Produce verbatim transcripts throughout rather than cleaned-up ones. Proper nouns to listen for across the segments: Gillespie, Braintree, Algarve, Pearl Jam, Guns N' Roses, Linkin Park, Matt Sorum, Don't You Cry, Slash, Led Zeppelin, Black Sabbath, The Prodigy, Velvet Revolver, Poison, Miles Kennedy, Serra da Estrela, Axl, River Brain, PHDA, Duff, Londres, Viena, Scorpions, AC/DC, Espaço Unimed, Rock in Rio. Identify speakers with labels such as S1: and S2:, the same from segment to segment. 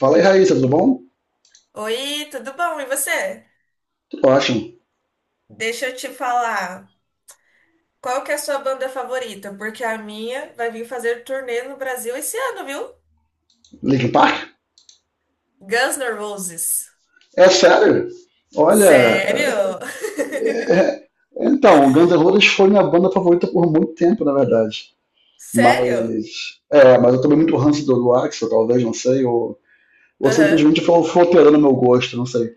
S1: Fala aí, Raíssa, tudo bom?
S2: Oi, tudo bom? E você?
S1: Tudo ótimo.
S2: Deixa eu te falar, qual que é a sua banda favorita? Porque a minha vai vir fazer turnê no Brasil esse ano, viu?
S1: Linkin Park?
S2: Guns N' Roses.
S1: É sério? Olha,
S2: Sério?
S1: é- então, Guns N' Roses foi minha banda favorita por muito tempo, na verdade.
S2: Sério?
S1: Mas, é, mas eu tomei muito ranço do, do Axl, talvez, não sei, ou, ou
S2: Aham,
S1: simplesmente foi, foi alterando meu gosto, não sei.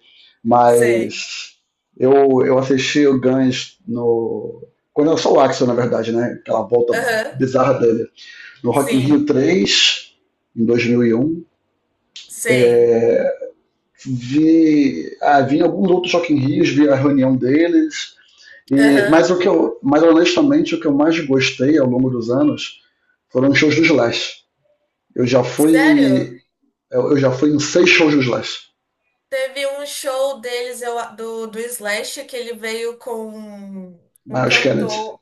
S2: sei.
S1: Mas eu, eu assisti o Guns no... Quando eu sou o Axl, na verdade, né? Aquela volta
S2: Aham,
S1: bizarra dele. No Rock in Rio
S2: sim,
S1: três, em dois mil e um.
S2: sei.
S1: Vi, ah, vi alguns outros Rock in Rios, vi a reunião deles. E,
S2: Aham,
S1: mas o que eu, mas honestamente, o que eu mais gostei ao longo dos anos foram os shows do Slash. Eu já
S2: sério?
S1: fui, eu, Já fui em seis shows do Slash,
S2: Teve um show deles, eu, do, do Slash, que ele veio com um um
S1: na Kennedy.
S2: cantor.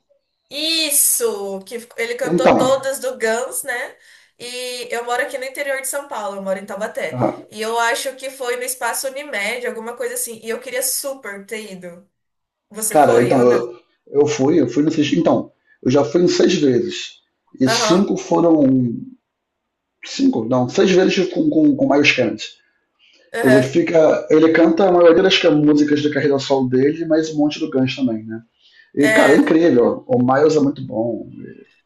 S2: Isso, que ele cantou
S1: Então,
S2: todas do Guns, né? E eu moro aqui no interior de São Paulo, eu moro em Taubaté.
S1: ah,
S2: E eu acho que foi no Espaço Unimed, alguma coisa assim. E eu queria super ter ido. Você
S1: cara,
S2: foi
S1: então
S2: ou não?
S1: eu, eu fui, eu fui no então eu já fui em seis vezes e
S2: Aham,
S1: cinco foram cinco, não, seis vezes com com, com Miles Kennedy. Ele
S2: aham.
S1: fica. Ele canta a maioria das ca- músicas da carreira solo dele, mas um monte do Guns também, né? E, cara, é
S2: É.
S1: incrível. O Miles é muito bom.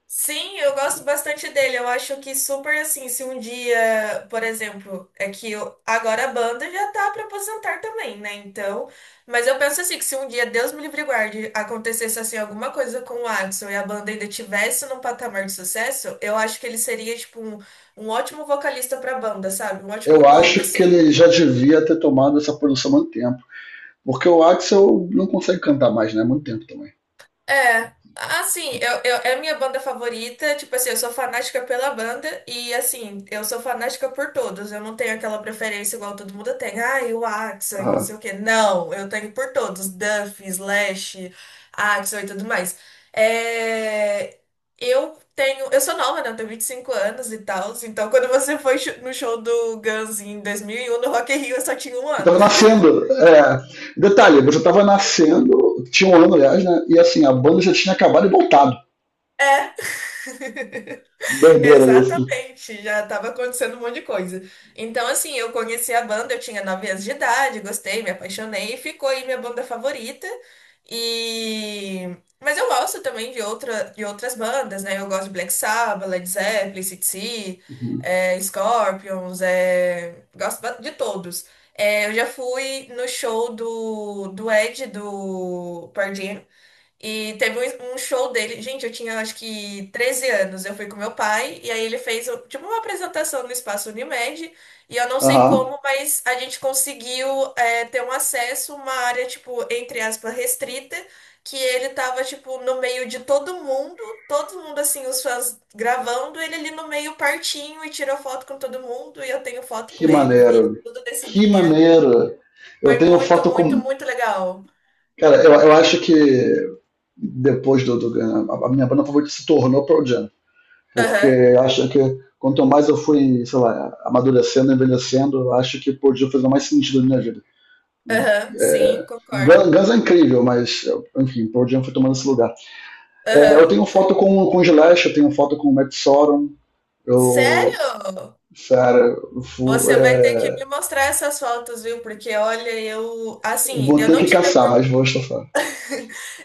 S2: Sim, eu gosto bastante dele. Eu acho que super assim, se um dia, por exemplo, é que eu- agora a banda já tá pra aposentar também, né? Então, mas eu penso assim, que se um dia, Deus me livre e guarde, acontecesse assim alguma coisa com o Adson e a banda ainda tivesse num patamar de sucesso, eu acho que ele seria tipo um, um ótimo vocalista pra banda, sabe? Um ótimo
S1: Eu
S2: nome
S1: acho que
S2: assim.
S1: ele já devia ter tomado essa produção há muito tempo. Porque o Axel não consegue cantar mais, né? Há muito tempo também.
S2: É, assim, eu, eu, é a minha banda favorita, tipo assim, eu sou fanática pela banda e assim, eu sou fanática por todos. Eu não tenho aquela preferência igual todo mundo tem. Ah, o Axl, que não sei
S1: Aham.
S2: o quê. Não, eu tenho por todos, Duff, Slash, Axl e tudo mais. É, eu tenho, eu sou nova, né? Eu tenho vinte e cinco anos e tal, então quando você foi no show do Guns em dois mil e um no Rock in Rio, eu só tinha um
S1: Você
S2: ano.
S1: tava nascendo. É. Detalhe, você tava nascendo, tinha um ano, aliás, né? E assim, a banda já tinha acabado e voltado.
S2: É.
S1: Doideira isso.
S2: Exatamente, já estava acontecendo um monte de coisa. Então, assim, eu conheci a banda, eu tinha nove anos de idade, gostei, me apaixonei e ficou aí minha banda favorita. E mas eu gosto também de outra de outras bandas, né? Eu gosto de Black Sabbath, Led Zeppelin, A C/D C,
S1: Uhum.
S2: é, Scorpions, é, gosto ba- de todos. É, eu já fui no show do do Ed do Pearl Jam e teve um um show dele. Gente, eu tinha acho que treze anos. Eu fui com meu pai, e aí ele fez tipo uma apresentação no espaço Unimed. E eu não sei
S1: Aham.
S2: como, mas a gente conseguiu é, ter um acesso, uma área, tipo, entre aspas, restrita, que ele tava, tipo, no meio de todo mundo, todo mundo assim, os fãs gravando, ele ali no meio partinho e tirou foto com todo mundo. E eu tenho foto
S1: Que
S2: com ele, vi
S1: maneiro.
S2: tudo desse
S1: Que
S2: dia.
S1: maneiro. Eu
S2: Foi
S1: tenho
S2: muito,
S1: foto
S2: muito,
S1: com.
S2: muito legal.
S1: Cara, eu, eu acho que depois do, do a a minha banda favorita se tornou Pearl Jam, porque
S2: Aham,
S1: eu acho que quanto mais eu fui, sei lá, amadurecendo, envelhecendo, eu acho que Pearl Jam fez mais sentido na minha vida.
S2: aham,
S1: É,
S2: sim,
S1: Guns,
S2: concordo.
S1: Guns é incrível, mas enfim, Pearl Jam foi tomando esse lugar. É, eu
S2: Aham.
S1: tenho foto com, com o Gillespie, eu tenho foto com o Matt Sorum, eu,
S2: Sério?
S1: cara, eu vou,
S2: Você vai ter que
S1: é,
S2: me mostrar essas fotos, viu? Porque olha, eu assim,
S1: vou
S2: eu
S1: ter
S2: não
S1: que
S2: tive
S1: caçar,
S2: opor-
S1: mas vou estofar.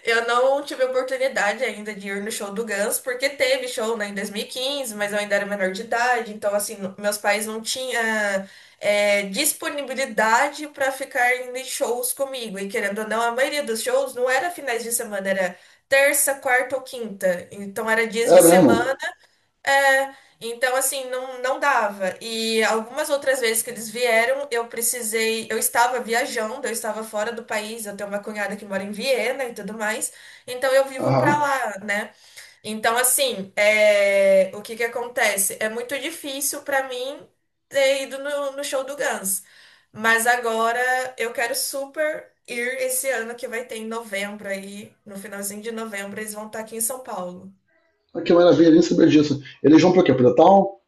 S2: eu não tive oportunidade ainda de ir no show do Guns, porque teve show, né, em dois mil e quinze, mas eu ainda era menor de idade, então assim, n- meus pais não tinham é, disponibilidade para ficar indo em shows comigo. E querendo ou não, a maioria dos shows não era finais de semana, era terça, quarta ou quinta. Então era dias
S1: É
S2: de
S1: mesmo?
S2: semana. É, então assim, não, não dava. E algumas outras vezes que eles vieram, eu precisei, eu estava viajando, eu estava fora do país, eu tenho uma cunhada que mora em Viena e tudo mais, então eu vivo pra
S1: Aham.
S2: lá, né? Então assim, é, o que que acontece? É muito difícil pra mim ter ido no, no show do Guns, mas agora eu quero super ir esse ano que vai ter em novembro aí, no finalzinho de novembro, eles vão estar aqui em São Paulo.
S1: Ah, que maravilha, nem sabia disso. Eles vão pra quê? Pro Town?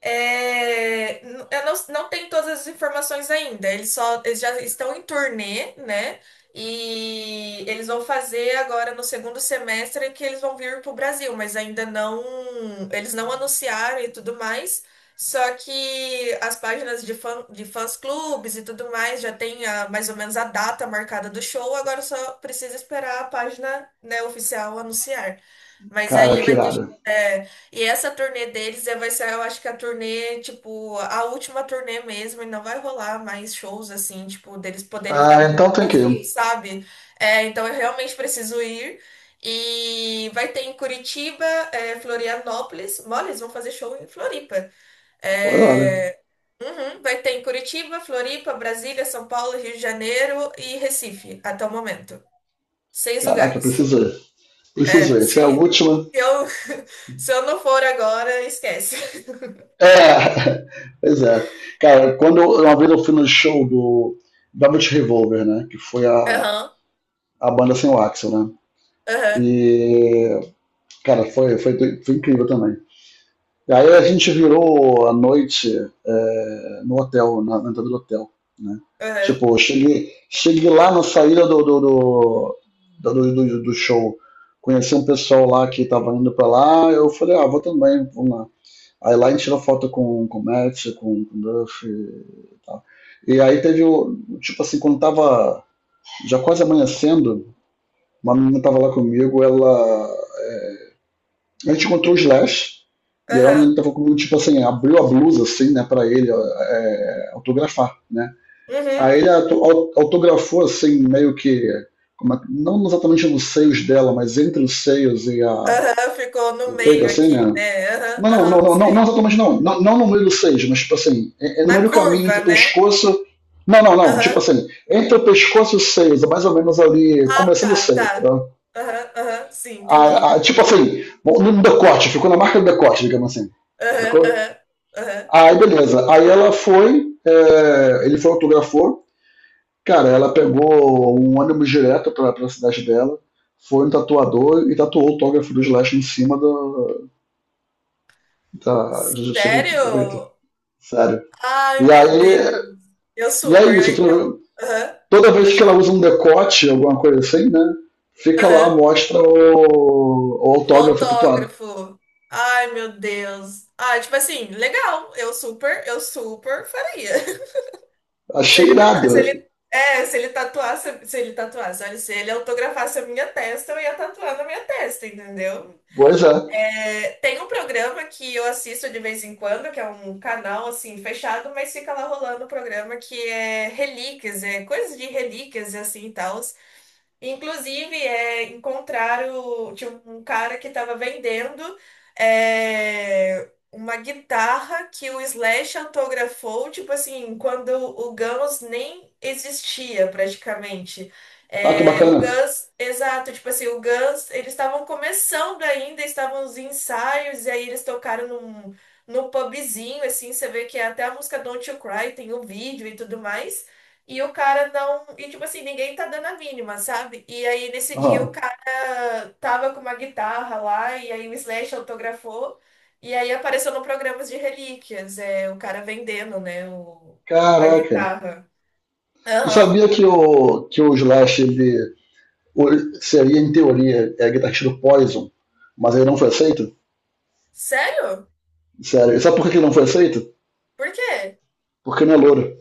S2: É, n- eu não, não tenho todas as informações ainda. Eles só, eles já estão em turnê, né? E eles vão fazer agora no segundo semestre que eles vão vir para o Brasil, mas ainda não, eles não anunciaram e tudo mais. Só que as páginas de fã, de fãs clubes e tudo mais já tem a, mais ou menos a data marcada do show. Agora só precisa esperar a página, né, oficial anunciar. Mas
S1: Cara,
S2: aí
S1: que
S2: vai ter.
S1: irado.
S2: é, e essa turnê deles é, vai ser, eu acho que a turnê, tipo, a última turnê mesmo, e não vai rolar mais shows assim, tipo, deles poderem ficar
S1: Ah,
S2: vindo
S1: então
S2: pro
S1: tem que
S2: Brasil,
S1: ir.
S2: sabe? É, então eu realmente preciso ir. E vai ter em Curitiba, é, Florianópolis. Mole, eles vão fazer show em Floripa.
S1: Olha, olha.
S2: É, uhum, vai ter em Curitiba, Floripa, Brasília, São Paulo, Rio de Janeiro e Recife, até o momento. Seis
S1: Caraca,
S2: lugares.
S1: preciso ir. Preciso
S2: É,
S1: ir. Essa
S2: se,
S1: é a última.
S2: se eu, se eu não for agora, esquece.
S1: É, pois é. Cara, quando eu- uma vez eu fui no show do Velvet Revolver, né? Que foi a,
S2: Aham,
S1: a banda sem o Axel, né?
S2: aham,
S1: E, cara, foi, foi, foi incrível também. E aí a gente virou a noite é, no hotel, na, entrada do hotel, né?
S2: aham,
S1: Tipo, eu cheguei, cheguei lá na saída do, do, do, do, do- do show, conheci um pessoal lá que tava indo pra lá, eu falei, ah, vou também, vamos lá. Aí lá a gente tirou foto com, com o Matt, com, com o Duff e tal. E aí teve o, tipo assim, quando tava já quase amanhecendo, uma menina tava lá comigo, ela a gente encontrou o Slash, e ela
S2: aham,
S1: ele tava com, tipo assim, abriu a blusa, assim, né, pra ele é, autografar, né.
S2: uhum,
S1: Aí ele autografou, assim, meio que, como é, não exatamente nos seios dela, mas entre os seios e a
S2: aham, ficou
S1: e
S2: no
S1: o peito,
S2: meio
S1: assim,
S2: aqui,
S1: né.
S2: né? Aham,
S1: Não, não, não,
S2: aham,
S1: não, não não
S2: sei.
S1: exatamente não. Não. Não no meio dos seios, mas, tipo assim, é, é no meio
S2: Na
S1: do caminho entre o
S2: curva, né?
S1: pescoço não, não, não. Tipo
S2: Aham,
S1: assim, entre o pescoço e os seios, é mais ou menos ali,
S2: ah,
S1: começando o
S2: tá,
S1: seio,
S2: tá.
S1: tá?
S2: Aham, aham, sim,
S1: A,
S2: entendi.
S1: a, tipo assim, no decote, ficou na marca do decote, digamos assim.
S2: Aham,
S1: Sacou?
S2: aham, aham.
S1: Aí beleza. Aí ela foi, é, Ele foi autografou. Cara, ela pegou um ônibus direto pra, pra cidade dela, foi um tatuador e tatuou o autógrafo do Slash em cima do, da. Da
S2: Sério?
S1: sério. E
S2: Ai, meu
S1: aí.
S2: Deus. Eu
S1: E é
S2: super.
S1: isso.
S2: Eu- não.
S1: Toda,
S2: Aham,
S1: toda vez
S2: pode
S1: que ela
S2: falar.
S1: usa um decote, alguma coisa assim, né? Fica lá,
S2: Aham.
S1: mostra o, o
S2: O
S1: autógrafo tatuado.
S2: autógrafo. Ai, meu Deus. ah tipo assim, legal. Eu super, eu super faria. Se
S1: Achei
S2: ele me,
S1: irado,
S2: ta- se
S1: né?
S2: ele, é, se ele tatuasse, se ele tatuasse, olha, se ele autografasse a minha testa, eu ia tatuar na minha testa, entendeu?
S1: Pois é.
S2: É, tem um programa que eu assisto de vez em quando, que é um canal assim fechado, mas fica lá rolando o programa que é relíquias, é coisas de relíquias e assim e tal. Inclusive, é, encontraram, tinha um cara que estava vendendo é, uma guitarra que o Slash autografou, tipo assim, quando o Guns nem existia praticamente.
S1: Ah, que
S2: É, o
S1: bacana.
S2: Guns, exato, tipo assim, o Guns, eles estavam começando ainda, estavam nos ensaios, e aí eles tocaram num, num pubzinho, assim, você vê que até a música Don't You Cry tem o vídeo e tudo mais. E o cara não. E tipo assim, ninguém tá dando a mínima, sabe? E aí nesse dia o
S1: Aham.
S2: cara tava com uma guitarra lá, e aí o Slash autografou, e aí apareceu no programa de relíquias, é, o cara vendendo, né, o, a
S1: Caraca.
S2: guitarra.
S1: Tu
S2: Aham.
S1: sabia que o, que o Slash ele, o- seria, em teoria, é guitarrista do Poison, mas ele não foi aceito?
S2: Sério?
S1: Sério. E sabe por que ele não foi aceito?
S2: Por quê?
S1: Porque não é louro.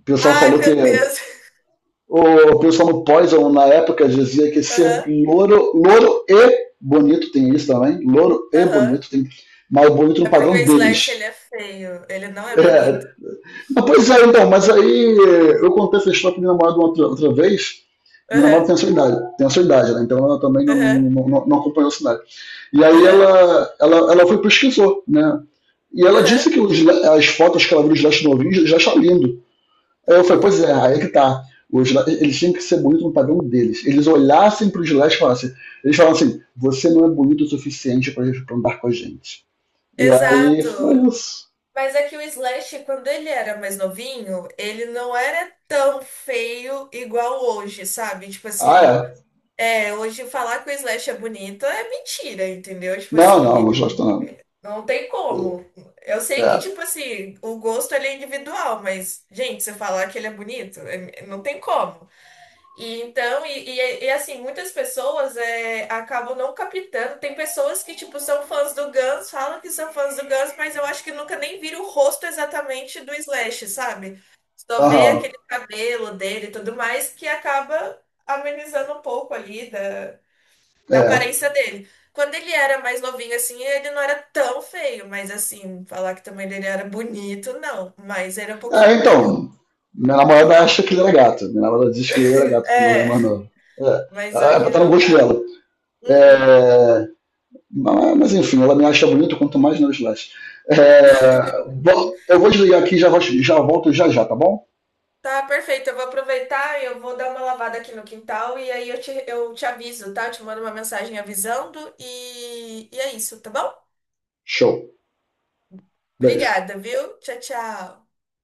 S1: O pessoal
S2: Ai,
S1: falou que.
S2: meu Deus.
S1: O pessoal no Poison, na época, dizia que ser
S2: Aham,
S1: louro, louro e bonito, tem isso também. Louro e
S2: aham.
S1: bonito, tem. Mas bonito
S2: É
S1: no
S2: porque
S1: padrão
S2: o Slash ele
S1: deles.
S2: é feio, ele não é
S1: É,
S2: bonito.
S1: ah, pois é, então, mas aí eh, eu contei essa história pro meu namorado outra, outra vez. Minha
S2: Aham,
S1: namorada tem a sua idade, tem a sua idade, né? Então ela também não,
S2: aham,
S1: não, não- não acompanhou a cidade. E aí
S2: aham,
S1: ela, ela, ela foi e pesquisou, né? E ela
S2: aham.
S1: disse que os le- as fotos que ela viu dos Leste Novinhos já está lindo. Aí eu falei, pois é, aí é que tá. Os, le- eles têm que ser bonitos no padrão deles. Eles olhassem para os Leste e falassem, eles falam assim, você não é bonito o suficiente para andar com a gente. E aí foi
S2: Exato.
S1: isso.
S2: Mas é que o Slash, quando ele era mais novinho, ele não era tão feio igual hoje, sabe? Tipo
S1: Ah,
S2: assim,
S1: é.
S2: é, hoje falar que o Slash é bonito é mentira, entendeu? Tipo
S1: Não,
S2: assim,
S1: não, os Leste
S2: ele
S1: não.
S2: não tem como. Eu sei que,
S1: É.
S2: tipo assim, o gosto ele é individual, mas, gente, você falar que ele é bonito, é- não tem como. E então, e, e- e, assim, muitas pessoas é, acabam não captando. Tem pessoas que, tipo, são fãs do Guns, falam que são fãs do Guns, mas eu acho que nunca nem viram o rosto exatamente do Slash, sabe? Só vê
S1: Aham.
S2: aquele cabelo dele e tudo mais, que acaba amenizando um pouco ali da, da
S1: É.
S2: aparência dele. Quando ele era mais novinho, assim, ele não era tão feio, mas assim, falar que também ele era bonito, não. Mas era um
S1: É,
S2: pouquinho melhor.
S1: então. Minha namorada acha que ele era gato. Minha namorada diz que ele era gato quando eu era
S2: É,
S1: mais novo. É.
S2: mas
S1: Ela é,
S2: hoje
S1: tá no
S2: não
S1: gosto
S2: dá.
S1: dela.
S2: Uhum.
S1: É, mas, mas, enfim, ela me acha bonito quanto mais nos likes. É, bom, eu vou desligar aqui e já, vol- já volto já já, tá bom?
S2: Tá, perfeito. Eu vou aproveitar e eu vou dar uma lavada aqui no quintal e aí eu te, eu te aviso, tá? Eu te mando uma mensagem avisando e, e é isso, tá bom?
S1: Show. Beijo.
S2: Obrigada, viu? Tchau, tchau.